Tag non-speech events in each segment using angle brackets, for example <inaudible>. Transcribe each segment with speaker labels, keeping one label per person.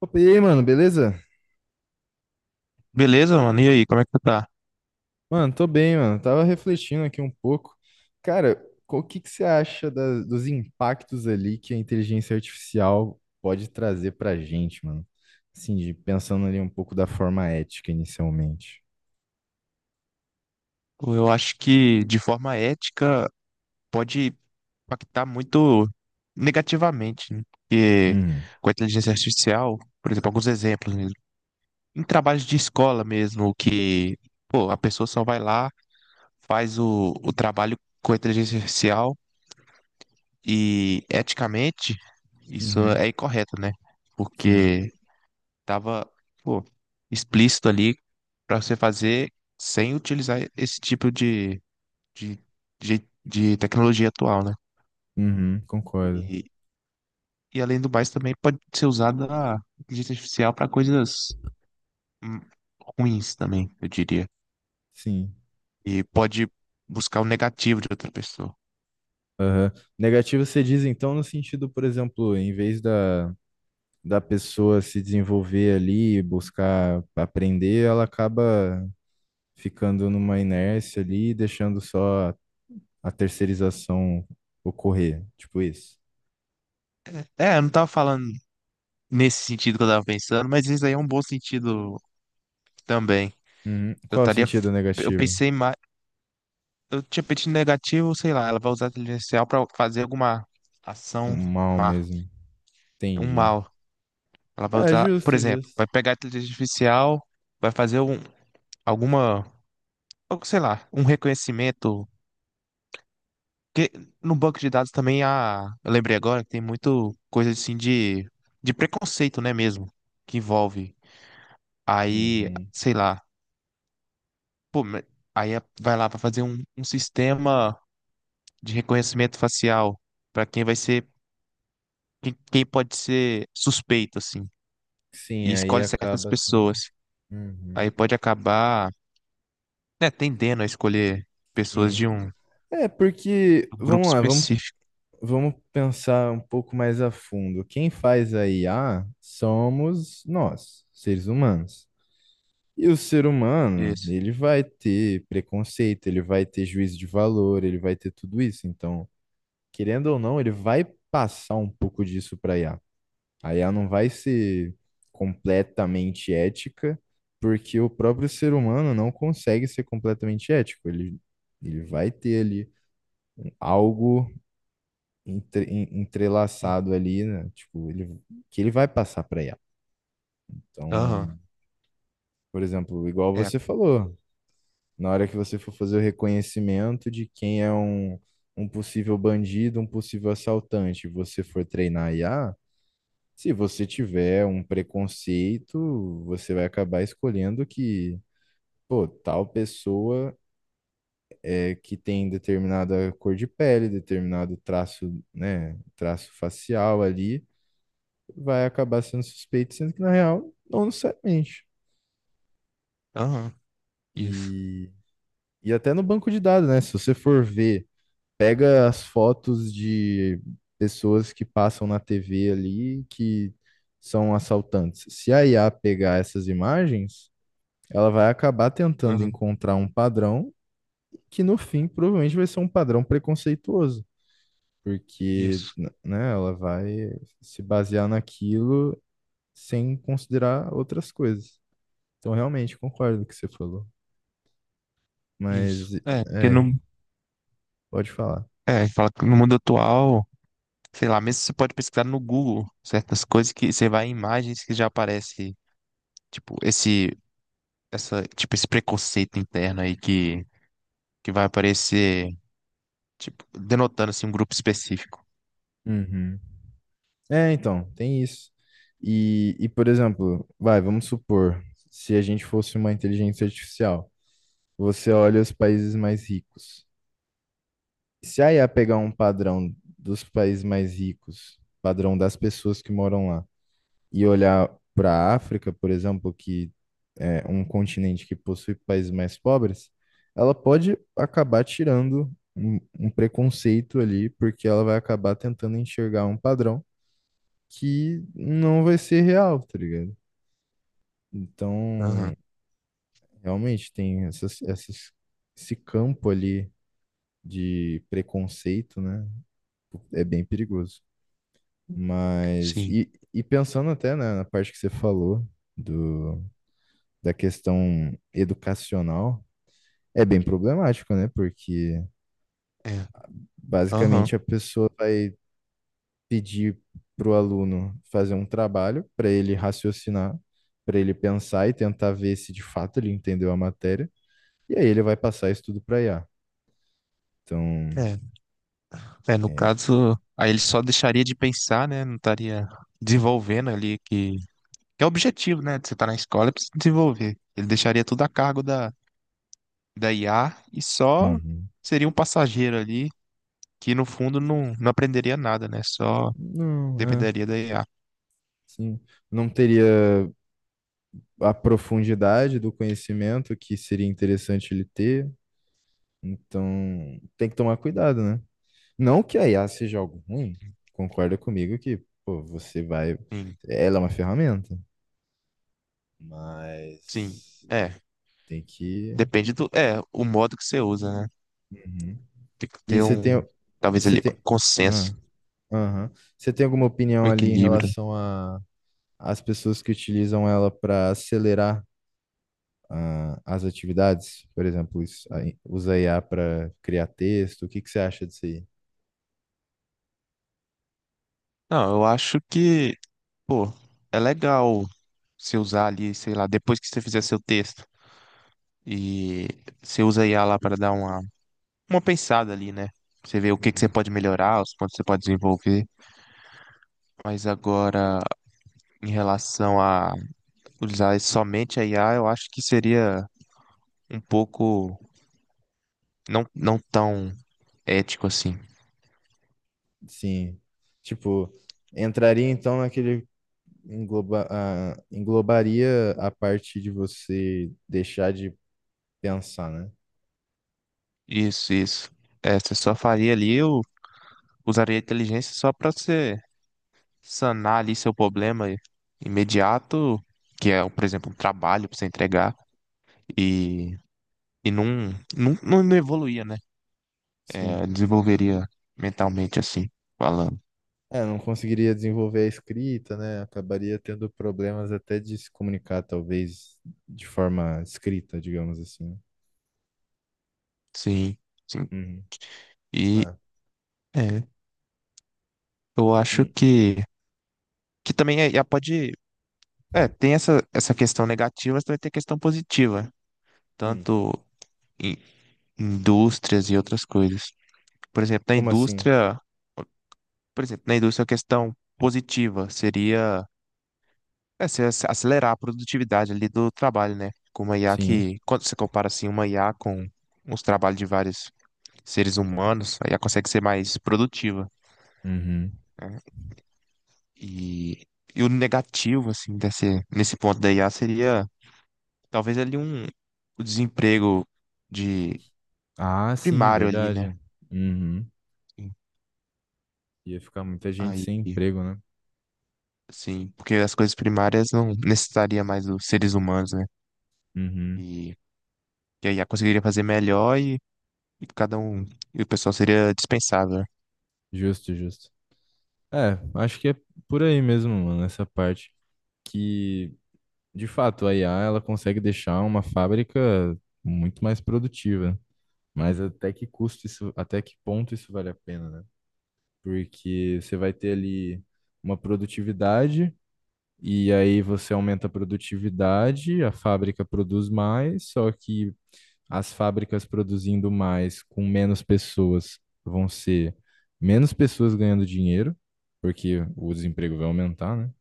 Speaker 1: Opa, e aí, mano, beleza?
Speaker 2: Beleza, mano? E aí, como é que tu tá?
Speaker 1: Mano, tô bem, mano. Tava refletindo aqui um pouco. Cara, o que que você acha dos impactos ali que a inteligência artificial pode trazer pra gente, mano? Assim, pensando ali um pouco da forma ética inicialmente.
Speaker 2: Pô, eu acho que de forma ética pode impactar muito negativamente, né? Porque
Speaker 1: Uhum.
Speaker 2: com a inteligência artificial, por exemplo, alguns exemplos mesmo. Em trabalhos de escola mesmo, que pô, a pessoa só vai lá, faz o trabalho com a inteligência artificial e eticamente isso
Speaker 1: Uhum.
Speaker 2: é incorreto, né?
Speaker 1: Sim.
Speaker 2: Porque tava, pô, explícito ali para você fazer sem utilizar esse tipo de, de tecnologia atual, né?
Speaker 1: Uhum. Concordo.
Speaker 2: E, e além do mais, também pode ser usada a inteligência artificial para coisas hum, ruins também, eu diria.
Speaker 1: Sim.
Speaker 2: E pode buscar o negativo de outra pessoa.
Speaker 1: Aham. Negativo você diz, então, no sentido, por exemplo, em vez da pessoa se desenvolver ali, buscar aprender, ela acaba ficando numa inércia ali, e deixando só a terceirização ocorrer, tipo isso.
Speaker 2: É, eu não tava falando nesse sentido que eu tava pensando, mas isso aí é um bom sentido também.
Speaker 1: Uhum.
Speaker 2: Eu
Speaker 1: Qual é o
Speaker 2: estaria,
Speaker 1: sentido
Speaker 2: eu
Speaker 1: negativo?
Speaker 2: pensei mais, eu tinha pensado negativo, sei lá, ela vai usar a inteligência artificial para fazer alguma
Speaker 1: O
Speaker 2: ação
Speaker 1: mal
Speaker 2: má,
Speaker 1: mesmo.
Speaker 2: um
Speaker 1: Entendi.
Speaker 2: mal. Ela vai
Speaker 1: É
Speaker 2: usar, por
Speaker 1: justo,
Speaker 2: exemplo,
Speaker 1: justo.
Speaker 2: vai pegar a inteligência artificial, vai fazer alguma, algo, sei lá, um reconhecimento. Porque no banco de dados também há, eu lembrei agora que tem muito coisa assim de preconceito, né, mesmo, que envolve. Aí,
Speaker 1: Uhum.
Speaker 2: sei lá, pô, vai lá para fazer um sistema de reconhecimento facial para quem vai ser, quem pode ser suspeito, assim,
Speaker 1: Sim,
Speaker 2: e
Speaker 1: aí
Speaker 2: escolhe certas
Speaker 1: acaba também.
Speaker 2: pessoas. Aí
Speaker 1: Uhum.
Speaker 2: pode acabar, né, tendendo a escolher pessoas
Speaker 1: Sim.
Speaker 2: de um,
Speaker 1: É, porque,
Speaker 2: um grupo
Speaker 1: vamos lá, vamos,
Speaker 2: específico.
Speaker 1: vamos pensar um pouco mais a fundo. Quem faz a IA somos nós, seres humanos. E o ser humano,
Speaker 2: Isso.
Speaker 1: ele vai ter preconceito, ele vai ter juízo de valor, ele vai ter tudo isso. Então, querendo ou não, ele vai passar um pouco disso para IA. A I A não vai ser completamente ética, porque o próprio ser humano não consegue ser completamente ético. Ele vai ter ali algo
Speaker 2: Hum.
Speaker 1: entrelaçado ali, né? Tipo, ele, que ele vai passar para IA.
Speaker 2: Aham.
Speaker 1: Então, por exemplo, igual
Speaker 2: É.
Speaker 1: você falou. Na hora que você for fazer o reconhecimento de quem é um possível bandido, um possível assaltante, e você for treinar IA, se você tiver um preconceito, você vai acabar escolhendo que, pô, tal pessoa é que tem determinada cor de pele, determinado traço, né, traço facial ali, vai acabar sendo suspeito, sendo que na real, não necessariamente.
Speaker 2: Aham. Isso.
Speaker 1: E, e até no banco de dados, né? Se você for ver pega as fotos de pessoas que passam na TV ali que são assaltantes. Se a IA pegar essas imagens, ela vai acabar tentando
Speaker 2: Aham.
Speaker 1: encontrar um padrão que no fim provavelmente vai ser um padrão preconceituoso, porque
Speaker 2: Isso.
Speaker 1: né, ela vai se basear naquilo sem considerar outras coisas. Então, realmente concordo com o que você falou,
Speaker 2: Isso.
Speaker 1: mas
Speaker 2: É, porque
Speaker 1: é,
Speaker 2: no,
Speaker 1: pode falar.
Speaker 2: é, fala que no mundo atual, sei lá, mesmo você pode pesquisar no Google certas coisas que você vai em imagens que já aparece, tipo, esse, tipo, esse preconceito interno aí que vai aparecer, tipo, denotando assim um grupo específico.
Speaker 1: Uhum. É, então, tem isso. E por exemplo, vamos supor, se a gente fosse uma inteligência artificial, você olha os países mais ricos. Se a IA pegar um padrão dos países mais ricos, padrão das pessoas que moram lá, e olhar para a África, por exemplo, que é um continente que possui países mais pobres, ela pode acabar tirando um preconceito ali, porque ela vai acabar tentando enxergar um padrão que não vai ser real, tá ligado? Então,
Speaker 2: Aham.
Speaker 1: realmente tem esse campo ali de preconceito, né? É bem perigoso. Mas,
Speaker 2: Sim.
Speaker 1: e pensando até, né, na parte que você falou do, da questão educacional, é bem problemático, né? Porque
Speaker 2: É. Aham.
Speaker 1: basicamente a pessoa vai pedir para o aluno fazer um trabalho, para ele raciocinar, para ele pensar e tentar ver se de fato ele entendeu a matéria. E aí ele vai passar isso tudo para IA. Então,
Speaker 2: É. É, no
Speaker 1: é,
Speaker 2: caso, aí ele só deixaria de pensar, né? Não estaria desenvolvendo ali que é o objetivo, né? De você estar na escola é pra se desenvolver. Ele deixaria tudo a cargo da IA e só
Speaker 1: uhum.
Speaker 2: seria um passageiro ali que no fundo não aprenderia nada, né? Só
Speaker 1: Não, é,
Speaker 2: dependeria da IA.
Speaker 1: sim. Não teria a profundidade do conhecimento que seria interessante ele ter. Então, tem que tomar cuidado, né? Não que a IA seja algo ruim, concorda comigo que, pô, você vai.
Speaker 2: Sim,
Speaker 1: Ela é uma ferramenta,
Speaker 2: sim.
Speaker 1: mas
Speaker 2: É,
Speaker 1: tem que
Speaker 2: depende é, o modo que você usa, né?
Speaker 1: Uhum.
Speaker 2: Tem que
Speaker 1: E
Speaker 2: ter um, talvez
Speaker 1: você
Speaker 2: ali, um
Speaker 1: tem,
Speaker 2: consenso,
Speaker 1: ah, aham. Você tem alguma
Speaker 2: um
Speaker 1: opinião ali em
Speaker 2: equilíbrio.
Speaker 1: relação a as pessoas que utilizam ela para acelerar as atividades? Por exemplo, isso, aí, usa IA para criar texto. O que que você acha disso aí?
Speaker 2: Não, eu acho que, pô, é legal você usar ali, sei lá, depois que você fizer seu texto e você usa a IA lá para dar uma pensada ali, né? Você vê o que que você
Speaker 1: Uhum.
Speaker 2: pode melhorar, os pontos que você pode desenvolver. Mas agora em relação a usar somente a IA, eu acho que seria um pouco não tão ético assim.
Speaker 1: Sim. Tipo, entraria então naquele englobaria a parte de você deixar de pensar, né?
Speaker 2: Isso, isso. É, você só faria ali, eu usaria a inteligência só para você sanar ali seu problema imediato, que é, por exemplo, um trabalho para você entregar e, e não evoluía, né? É,
Speaker 1: Sim.
Speaker 2: desenvolveria mentalmente assim, falando.
Speaker 1: É, não conseguiria desenvolver a escrita, né? Acabaria tendo problemas até de se comunicar, talvez, de forma escrita, digamos assim.
Speaker 2: Sim, sim.
Speaker 1: Uhum.
Speaker 2: E
Speaker 1: Ah,
Speaker 2: é, eu acho
Speaker 1: hum,
Speaker 2: que também é, já pode. É, tem essa questão negativa, mas também tem questão positiva,
Speaker 1: hum.
Speaker 2: tanto em indústrias e outras coisas. Por exemplo, na
Speaker 1: Como assim?
Speaker 2: indústria, por exemplo, na indústria a questão positiva seria é, se ac- acelerar a produtividade ali do trabalho, né? Com uma IA
Speaker 1: Sim.
Speaker 2: que, quando você compara assim, uma IA com os trabalhos de vários seres humanos, a IA consegue ser mais produtiva,
Speaker 1: Uhum.
Speaker 2: né? E, e o negativo, assim, desse, nesse ponto da IA seria talvez ali um, o desemprego de
Speaker 1: Ah, sim,
Speaker 2: primário ali, né?
Speaker 1: verdade. Uhum. Ia ficar muita gente sem
Speaker 2: Aí,
Speaker 1: emprego, né?
Speaker 2: sim, porque as coisas primárias não necessitaria mais dos seres humanos, né?
Speaker 1: Uhum.
Speaker 2: E, e aí a I A conseguiria fazer melhor e cada um, e o pessoal seria dispensável, né?
Speaker 1: Justo, justo. É, acho que é por aí mesmo, mano, essa parte. Que De fato, a IA ela consegue deixar uma fábrica muito mais produtiva, mas até que custo isso, até que ponto isso vale a pena, né? Porque você vai ter ali uma produtividade e aí você aumenta a produtividade, a fábrica produz mais, só que as fábricas produzindo mais com menos pessoas vão ser menos pessoas ganhando dinheiro, porque o desemprego vai aumentar, né?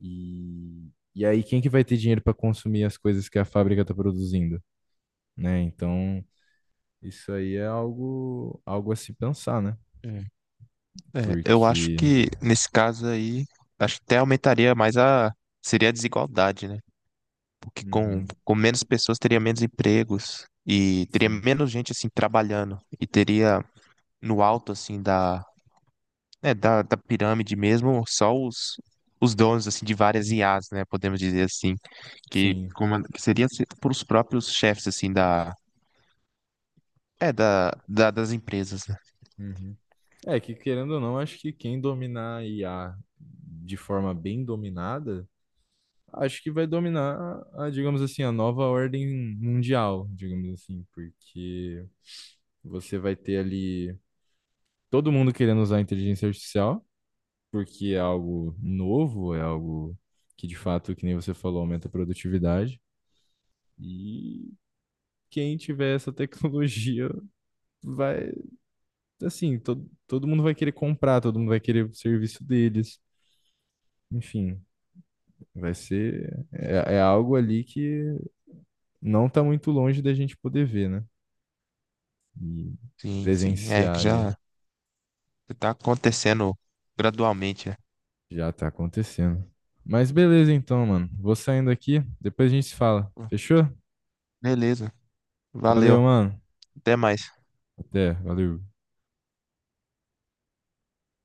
Speaker 1: E aí, quem que vai ter dinheiro para consumir as coisas que a fábrica está produzindo, né? Então, isso aí é algo a se pensar, né?
Speaker 2: É. É, eu acho
Speaker 1: Porque.
Speaker 2: que nesse caso aí, acho que até aumentaria mais a, seria a desigualdade, né? Porque
Speaker 1: Uhum,
Speaker 2: com menos pessoas teria menos empregos e teria
Speaker 1: sim,
Speaker 2: menos gente assim trabalhando e teria no alto assim da, né, da pirâmide mesmo só os donos assim de várias IAs, né, podemos dizer assim,
Speaker 1: sim.
Speaker 2: que seria por os próprios chefes assim da é da das empresas, né?
Speaker 1: Uhum. É que, querendo ou não, acho que quem dominar a IA de forma bem dominada, acho que vai dominar, a, digamos assim, a nova ordem mundial, digamos assim, porque você vai ter ali todo mundo querendo usar a inteligência artificial. Porque é algo novo, é algo que de fato, que nem você falou, aumenta a produtividade. E quem tiver essa <laughs> tecnologia vai, assim, todo mundo vai querer comprar, todo mundo vai querer o serviço deles. Enfim, vai ser. É algo ali que não tá muito longe da gente poder ver, né? E
Speaker 2: Sim, sim, é
Speaker 1: presenciar
Speaker 2: que
Speaker 1: ali
Speaker 2: já está acontecendo gradualmente, né?
Speaker 1: já tá acontecendo. Mas beleza então, mano. Vou saindo aqui, depois a gente se fala. Fechou?
Speaker 2: Beleza.
Speaker 1: Valeu,
Speaker 2: Valeu,
Speaker 1: mano.
Speaker 2: até mais.
Speaker 1: Até, valeu.